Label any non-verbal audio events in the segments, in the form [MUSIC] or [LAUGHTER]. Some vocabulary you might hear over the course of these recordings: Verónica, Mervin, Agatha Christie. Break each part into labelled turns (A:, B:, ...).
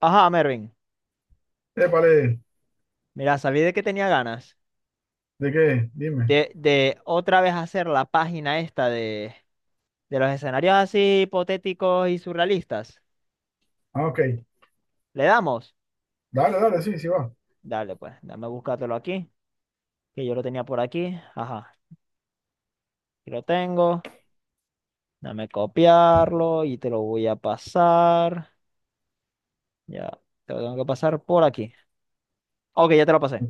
A: Ajá, Mervin.
B: Épale,
A: Mira, sabí de que tenía ganas
B: ¿de qué? Dime.
A: de otra vez hacer la página esta de los escenarios así hipotéticos y surrealistas.
B: Ah, ok.
A: ¿Le damos?
B: Dale, dale, sí, sí va.
A: Dale, pues, dame buscártelo aquí, que yo lo tenía por aquí. Ajá, aquí lo tengo. Dame copiarlo y te lo voy a pasar. Ya, te lo tengo que pasar por aquí. Ok, ya te lo pasé.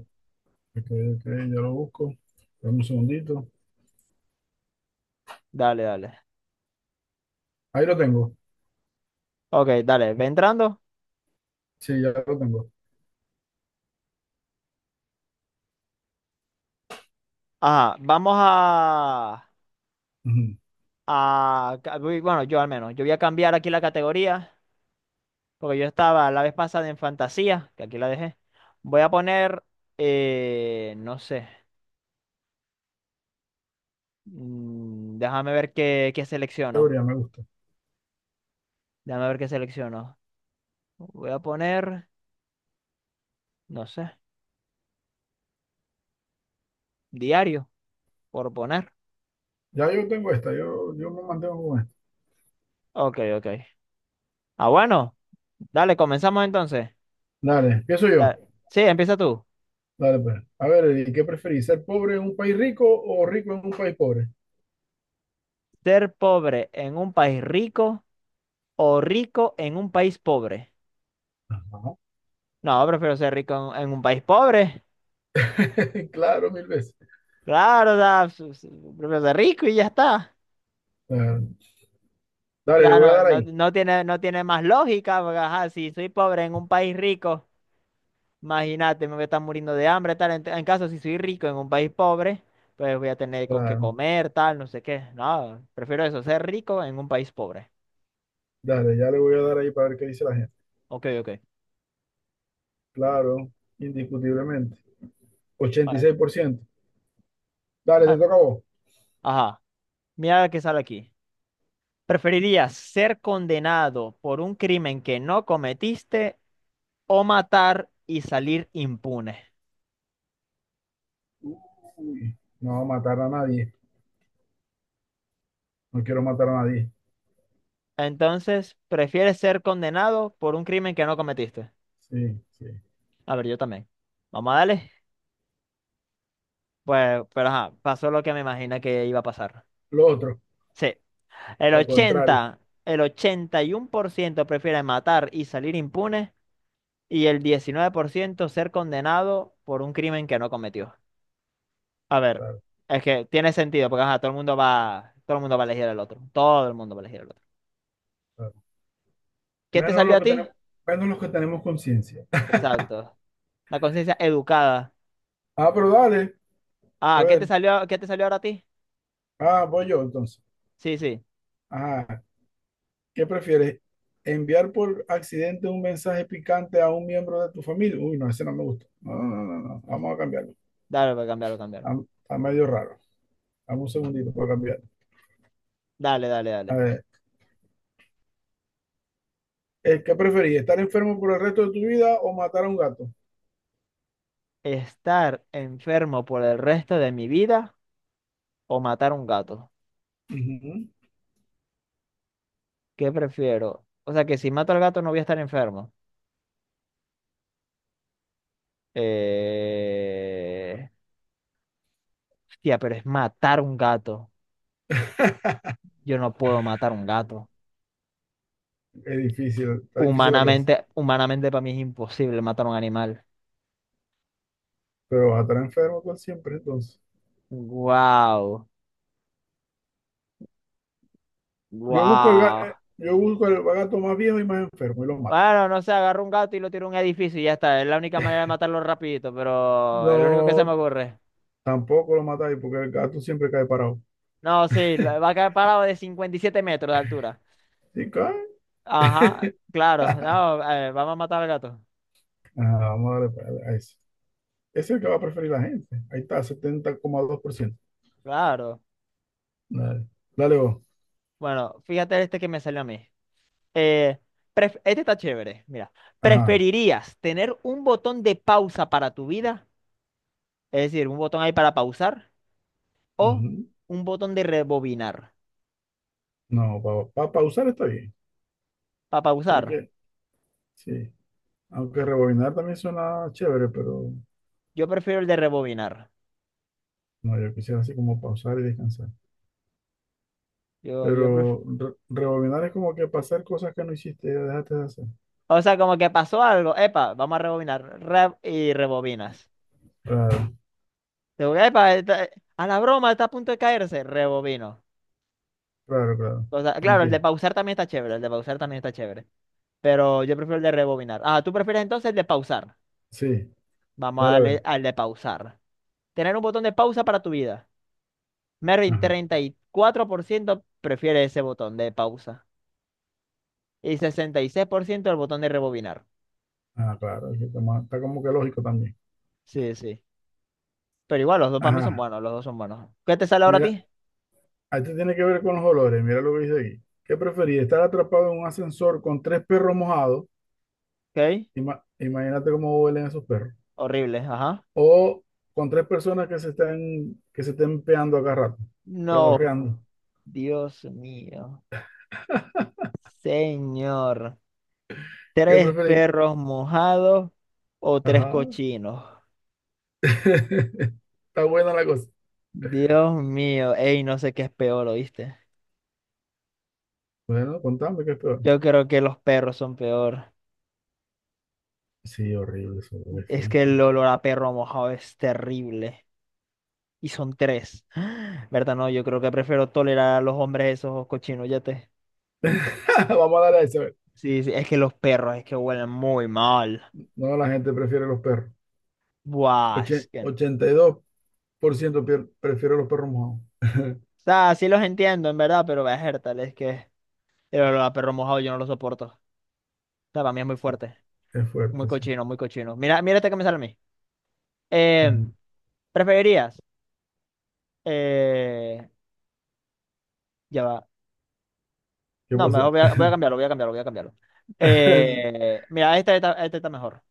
B: Ok, ok, ya lo busco. Dame un segundito.
A: Dale, dale.
B: Ahí lo tengo.
A: Ok, dale, ve entrando.
B: Sí, ya lo tengo.
A: Ajá, vamos a...
B: Ujú.
A: Bueno, yo al menos. Yo voy a cambiar aquí la categoría, porque yo estaba la vez pasada en fantasía, que aquí la dejé. Voy a poner, no sé. Déjame ver qué selecciono.
B: Teoría, me gusta.
A: Déjame ver qué selecciono. Voy a poner, no sé, diario, por poner.
B: Ya yo tengo esta, yo me mantengo con esta.
A: Ok, ok. Ah, bueno, dale, comenzamos entonces.
B: Dale, empiezo
A: Da-
B: yo.
A: sí, empieza tú.
B: Dale, pues. A ver, ¿Qué preferís? ¿Ser pobre en un país rico o rico en un país pobre?
A: ¿Ser pobre en un país rico o rico en un país pobre?
B: Ajá.
A: No, prefiero ser rico en un país pobre.
B: [LAUGHS] Claro, mil veces.
A: Claro, prefiero ser rico y ya está.
B: Claro. Dale, le
A: Sea,
B: voy a dar ahí.
A: no tiene, no tiene más lógica, porque ajá, si soy pobre en un país rico, imagínate, me voy a estar muriendo de hambre, tal. En caso, si soy rico en un país pobre, pues voy a tener con qué
B: Claro.
A: comer, tal, no sé qué. No, prefiero eso, ser rico en un país pobre.
B: Dale, ya le voy a dar ahí para ver qué dice la gente.
A: Ok, ok.
B: Claro, indiscutiblemente. ochenta y seis
A: Bueno,
B: por ciento Dale, te
A: bueno.
B: toca a vos.
A: Ajá, mira la que sale aquí. ¿Preferirías ser condenado por un crimen que no cometiste o matar y salir impune?
B: Uy, no matar a nadie. No quiero matar a nadie.
A: Entonces, ¿prefieres ser condenado por un crimen que no cometiste?
B: Sí, sí.
A: A ver, yo también. Vamos a darle. Pues, pero ajá, pasó lo que me imagina que iba a pasar.
B: Lo otro,
A: Sí. El
B: lo contrario.
A: 80, el 81% prefiere matar y salir impune y el 19% ser condenado por un crimen que no cometió. A ver,
B: Claro,
A: es que tiene sentido porque ajá, todo el mundo va, todo el mundo va a elegir al otro. Todo el mundo va a elegir al otro.
B: claro.
A: ¿Qué te
B: Menos
A: salió
B: lo
A: a
B: que tenemos,
A: ti?
B: menos los que tenemos conciencia.
A: Exacto. La conciencia educada.
B: Ah, pero dale. A
A: Ah,
B: ver.
A: qué te salió ahora a ti?
B: Ah, voy yo entonces.
A: Sí, sí.
B: Ajá. ¿Qué prefieres? ¿Enviar por accidente un mensaje picante a un miembro de tu familia? Uy, no, ese no me gusta. No, no, no, no, no. Vamos a cambiarlo.
A: Dale, voy a cambiarlo, cambiarlo.
B: Está, está medio raro. Dame un segundito para cambiarlo.
A: Dale, dale,
B: A
A: dale.
B: ver. ¿Qué preferís? ¿Estar enfermo por el resto de tu vida o matar a un gato?
A: ¿Estar enfermo por el resto de mi vida o matar un gato?
B: Ujú.
A: ¿Qué prefiero? O sea, que si mato al gato no voy a estar enfermo. Eh... Hostia, pero es matar un gato. Yo no puedo matar un gato.
B: Es difícil, está difícil la cosa.
A: Humanamente, humanamente para mí es imposible matar un animal.
B: Pero vas a estar enfermo tú siempre, entonces.
A: Wow,
B: Yo busco el, ga- eh,
A: wow.
B: yo busco el gato más viejo y más enfermo y lo mato.
A: Bueno, no sé, agarro un gato y lo tiro a un edificio y ya está. Es la única manera de matarlo rapidito, pero es lo único que se me
B: No,
A: ocurre.
B: tampoco lo matáis porque el gato siempre cae parado.
A: No, sí, va a caer parado de 57 metros de altura.
B: Sí, cae.
A: Ajá,
B: [LAUGHS]
A: claro.
B: Ajá,
A: No, vamos a matar al gato.
B: vamos a darle a ese. Ese es el que va a preferir la gente. Ahí está, 70,2%.
A: Claro.
B: Dale, dale vos.
A: Bueno, fíjate este que me salió a mí. Eh, este está chévere. Mira,
B: Ajá.
A: ¿preferirías tener un botón de pausa para tu vida? Es decir, un botón ahí para pausar o
B: Ujú.
A: un botón de rebobinar.
B: No, para pausar está bien.
A: Para pausar,
B: Porque, sí. Aunque rebobinar también suena chévere, pero
A: yo prefiero el de rebobinar.
B: no, yo quisiera así como pausar y descansar.
A: Yo
B: Pero
A: prefiero.
B: rebobinar es como que pasar cosas que no hiciste, ya dejaste de hacer.
A: O sea, como que pasó algo. Epa, vamos a rebobinar. Y rebobinas.
B: Claro,
A: Digo, a la broma está a punto de caerse. Rebobino.
B: claro, claro.
A: O sea, claro, el de
B: Entiendo.
A: pausar también está chévere, el de pausar también está chévere. Pero yo prefiero el de rebobinar. Ah, tú prefieres entonces el de pausar.
B: Sí,
A: Vamos a
B: dale a
A: darle
B: ver.
A: al de pausar. Tener un botón de pausa para tu vida. Mervin,
B: Ajá,
A: 34% prefiere ese botón de pausa. Y 66% el botón de rebobinar.
B: ah, claro, aquí está, está como que lógico también.
A: Sí, sí. Pero igual, los dos para mí son
B: Ajá,
A: buenos, los dos son buenos. ¿Qué te sale ahora a
B: mira,
A: ti?
B: esto tiene que ver con los olores. Mira lo que dice aquí. ¿Qué preferís? ¿Estar atrapado en un ascensor con tres perros mojados?
A: ¿Ok?
B: Imagínate cómo huelen esos perros.
A: Horrible, ajá.
B: O con tres personas que se estén peando a cada rato,
A: No,
B: pedorreando.
A: Dios mío. Señor.
B: ¿Qué
A: Tres
B: preferís?
A: perros mojados o tres
B: Ajá,
A: cochinos.
B: [LAUGHS] está buena la cosa.
A: Dios mío, ey, no sé qué es peor, ¿oíste?
B: Bueno, contame qué es peor.
A: Yo creo que los perros son peor.
B: Sí, horrible, eso es
A: Es que
B: feísimo.
A: el olor a perro mojado es terrible. Y son tres. [GASPS] ¿Verdad? No, yo creo que prefiero tolerar a los hombres esos cochinos, ya te.
B: [LAUGHS] Vamos a dar a ese. A ver.
A: Sí, sí, es que los perros es que huelen muy mal.
B: No, la gente prefiere los perros.
A: Buah, es que. O
B: 82% prefiere los perros mojados. [LAUGHS]
A: sea, sí los entiendo, en verdad, pero verga, tal, es que el olor a perro mojado yo no lo soporto. O sea, para mí es muy
B: Sí,
A: fuerte.
B: es
A: Muy
B: fuerte, sí.
A: cochino, muy cochino. Mira, mira esta que me sale a mí. Em,
B: Ujú.
A: ¿Preferirías? eh, ya va.
B: ¿Qué
A: No, mejor
B: pasó?
A: voy a cambiarlo, voy a cambiarlo, voy a cambiarlo.
B: [LAUGHS]
A: Mira, esta está mejor.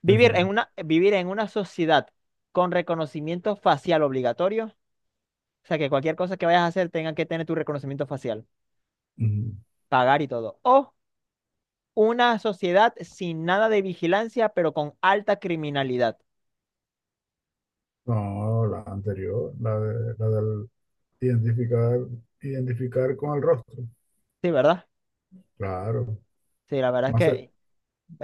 B: Decime.
A: Vivir en una sociedad con reconocimiento facial obligatorio. O sea, que cualquier cosa que vayas a hacer tenga que tener tu reconocimiento facial,
B: Ujú.
A: pagar y todo. O una sociedad sin nada de vigilancia, pero con alta criminalidad.
B: No, la anterior, la del identificar, identificar con el rostro.
A: Sí, ¿verdad?
B: Claro.
A: Sí, la verdad es
B: Más, se-
A: que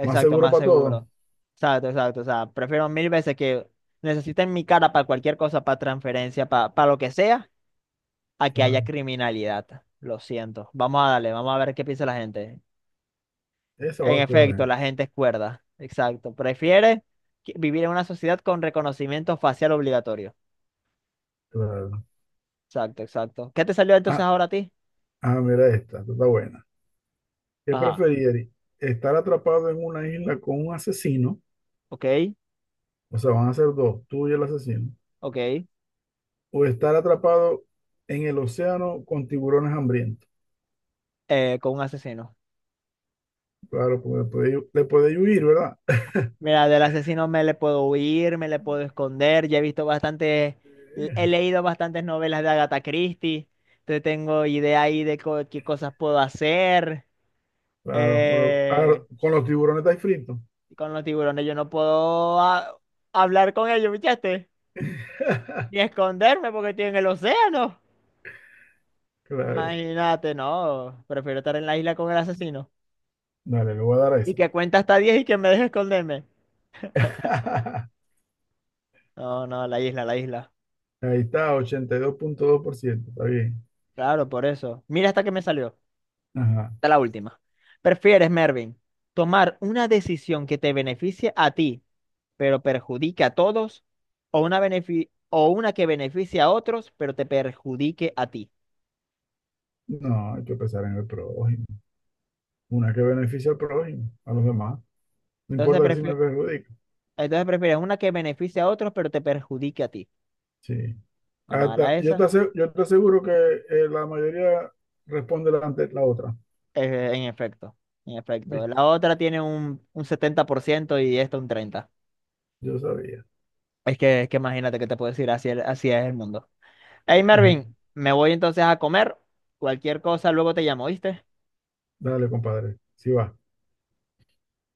B: más seguro
A: más
B: para todos.
A: seguro. Exacto, exacto. O sea, prefiero mil veces que necesiten mi cara para cualquier cosa, para transferencia, para lo que sea, a que haya
B: Claro.
A: criminalidad. Lo siento. Vamos a darle, vamos a ver qué piensa la gente.
B: Esa va a
A: En
B: escoger la
A: efecto,
B: gente.
A: la gente es cuerda. Exacto. Prefiere vivir en una sociedad con reconocimiento facial obligatorio.
B: Claro.
A: Exacto, exacto. ¿Qué te salió entonces
B: Ah,
A: ahora a ti?
B: ah, mira esta, esta está buena. ¿Qué
A: Ajá.
B: preferirías? ¿Estar atrapado en una isla con un asesino?
A: Ok,
B: O sea, van a ser dos, tú y el asesino.
A: ok.
B: ¿O estar atrapado en el océano con tiburones hambrientos?
A: Con un asesino.
B: Claro, porque le podéis huir, ¿verdad?
A: Mira, del asesino me le puedo huir, me le puedo esconder. Ya he visto bastante, he leído bastantes novelas de Agatha Christie. Entonces tengo idea ahí de qué cosas puedo hacer.
B: Claro,
A: Eh,
B: claro, con los tiburones estáis fritos.
A: con los tiburones yo no puedo hablar con ellos, ¿viste?
B: [LAUGHS]
A: Ni esconderme porque estoy en el océano.
B: Claro,
A: Imagínate, no. Prefiero estar en la isla con el asesino.
B: dale, le voy a dar a
A: Y
B: esa.
A: que cuenta hasta 10 y que me deje esconderme.
B: [LAUGHS]
A: No, no, la isla, la isla.
B: Ahí está, 82,2%, está bien.
A: Claro, por eso. Mira hasta que me salió.
B: Ajá.
A: Esta es la última. ¿Prefieres, Mervin, tomar una decisión que te beneficie a ti, pero perjudique a todos, o una, o una que beneficie a otros, pero te perjudique a ti?
B: No, hay que pensar en el prójimo. Una que beneficia al prójimo, a los demás. No
A: Entonces,
B: importa que si me perjudica.
A: entonces prefieres una que beneficie a otros, pero te perjudique a ti.
B: Sí.
A: Vamos a la
B: Hasta- yo te
A: esa.
B: ase- yo te aseguro que la mayoría responde ante la otra.
A: En efecto, en efecto.
B: ¿Viste?
A: La otra tiene un 70% y esta un 30%.
B: Yo sabía.
A: Es que imagínate que te puedo decir, así, el- así es el mundo. Hey, Mervin, me voy entonces a comer. Cualquier cosa, luego te llamo, ¿viste?
B: Dale, compadre. Si va.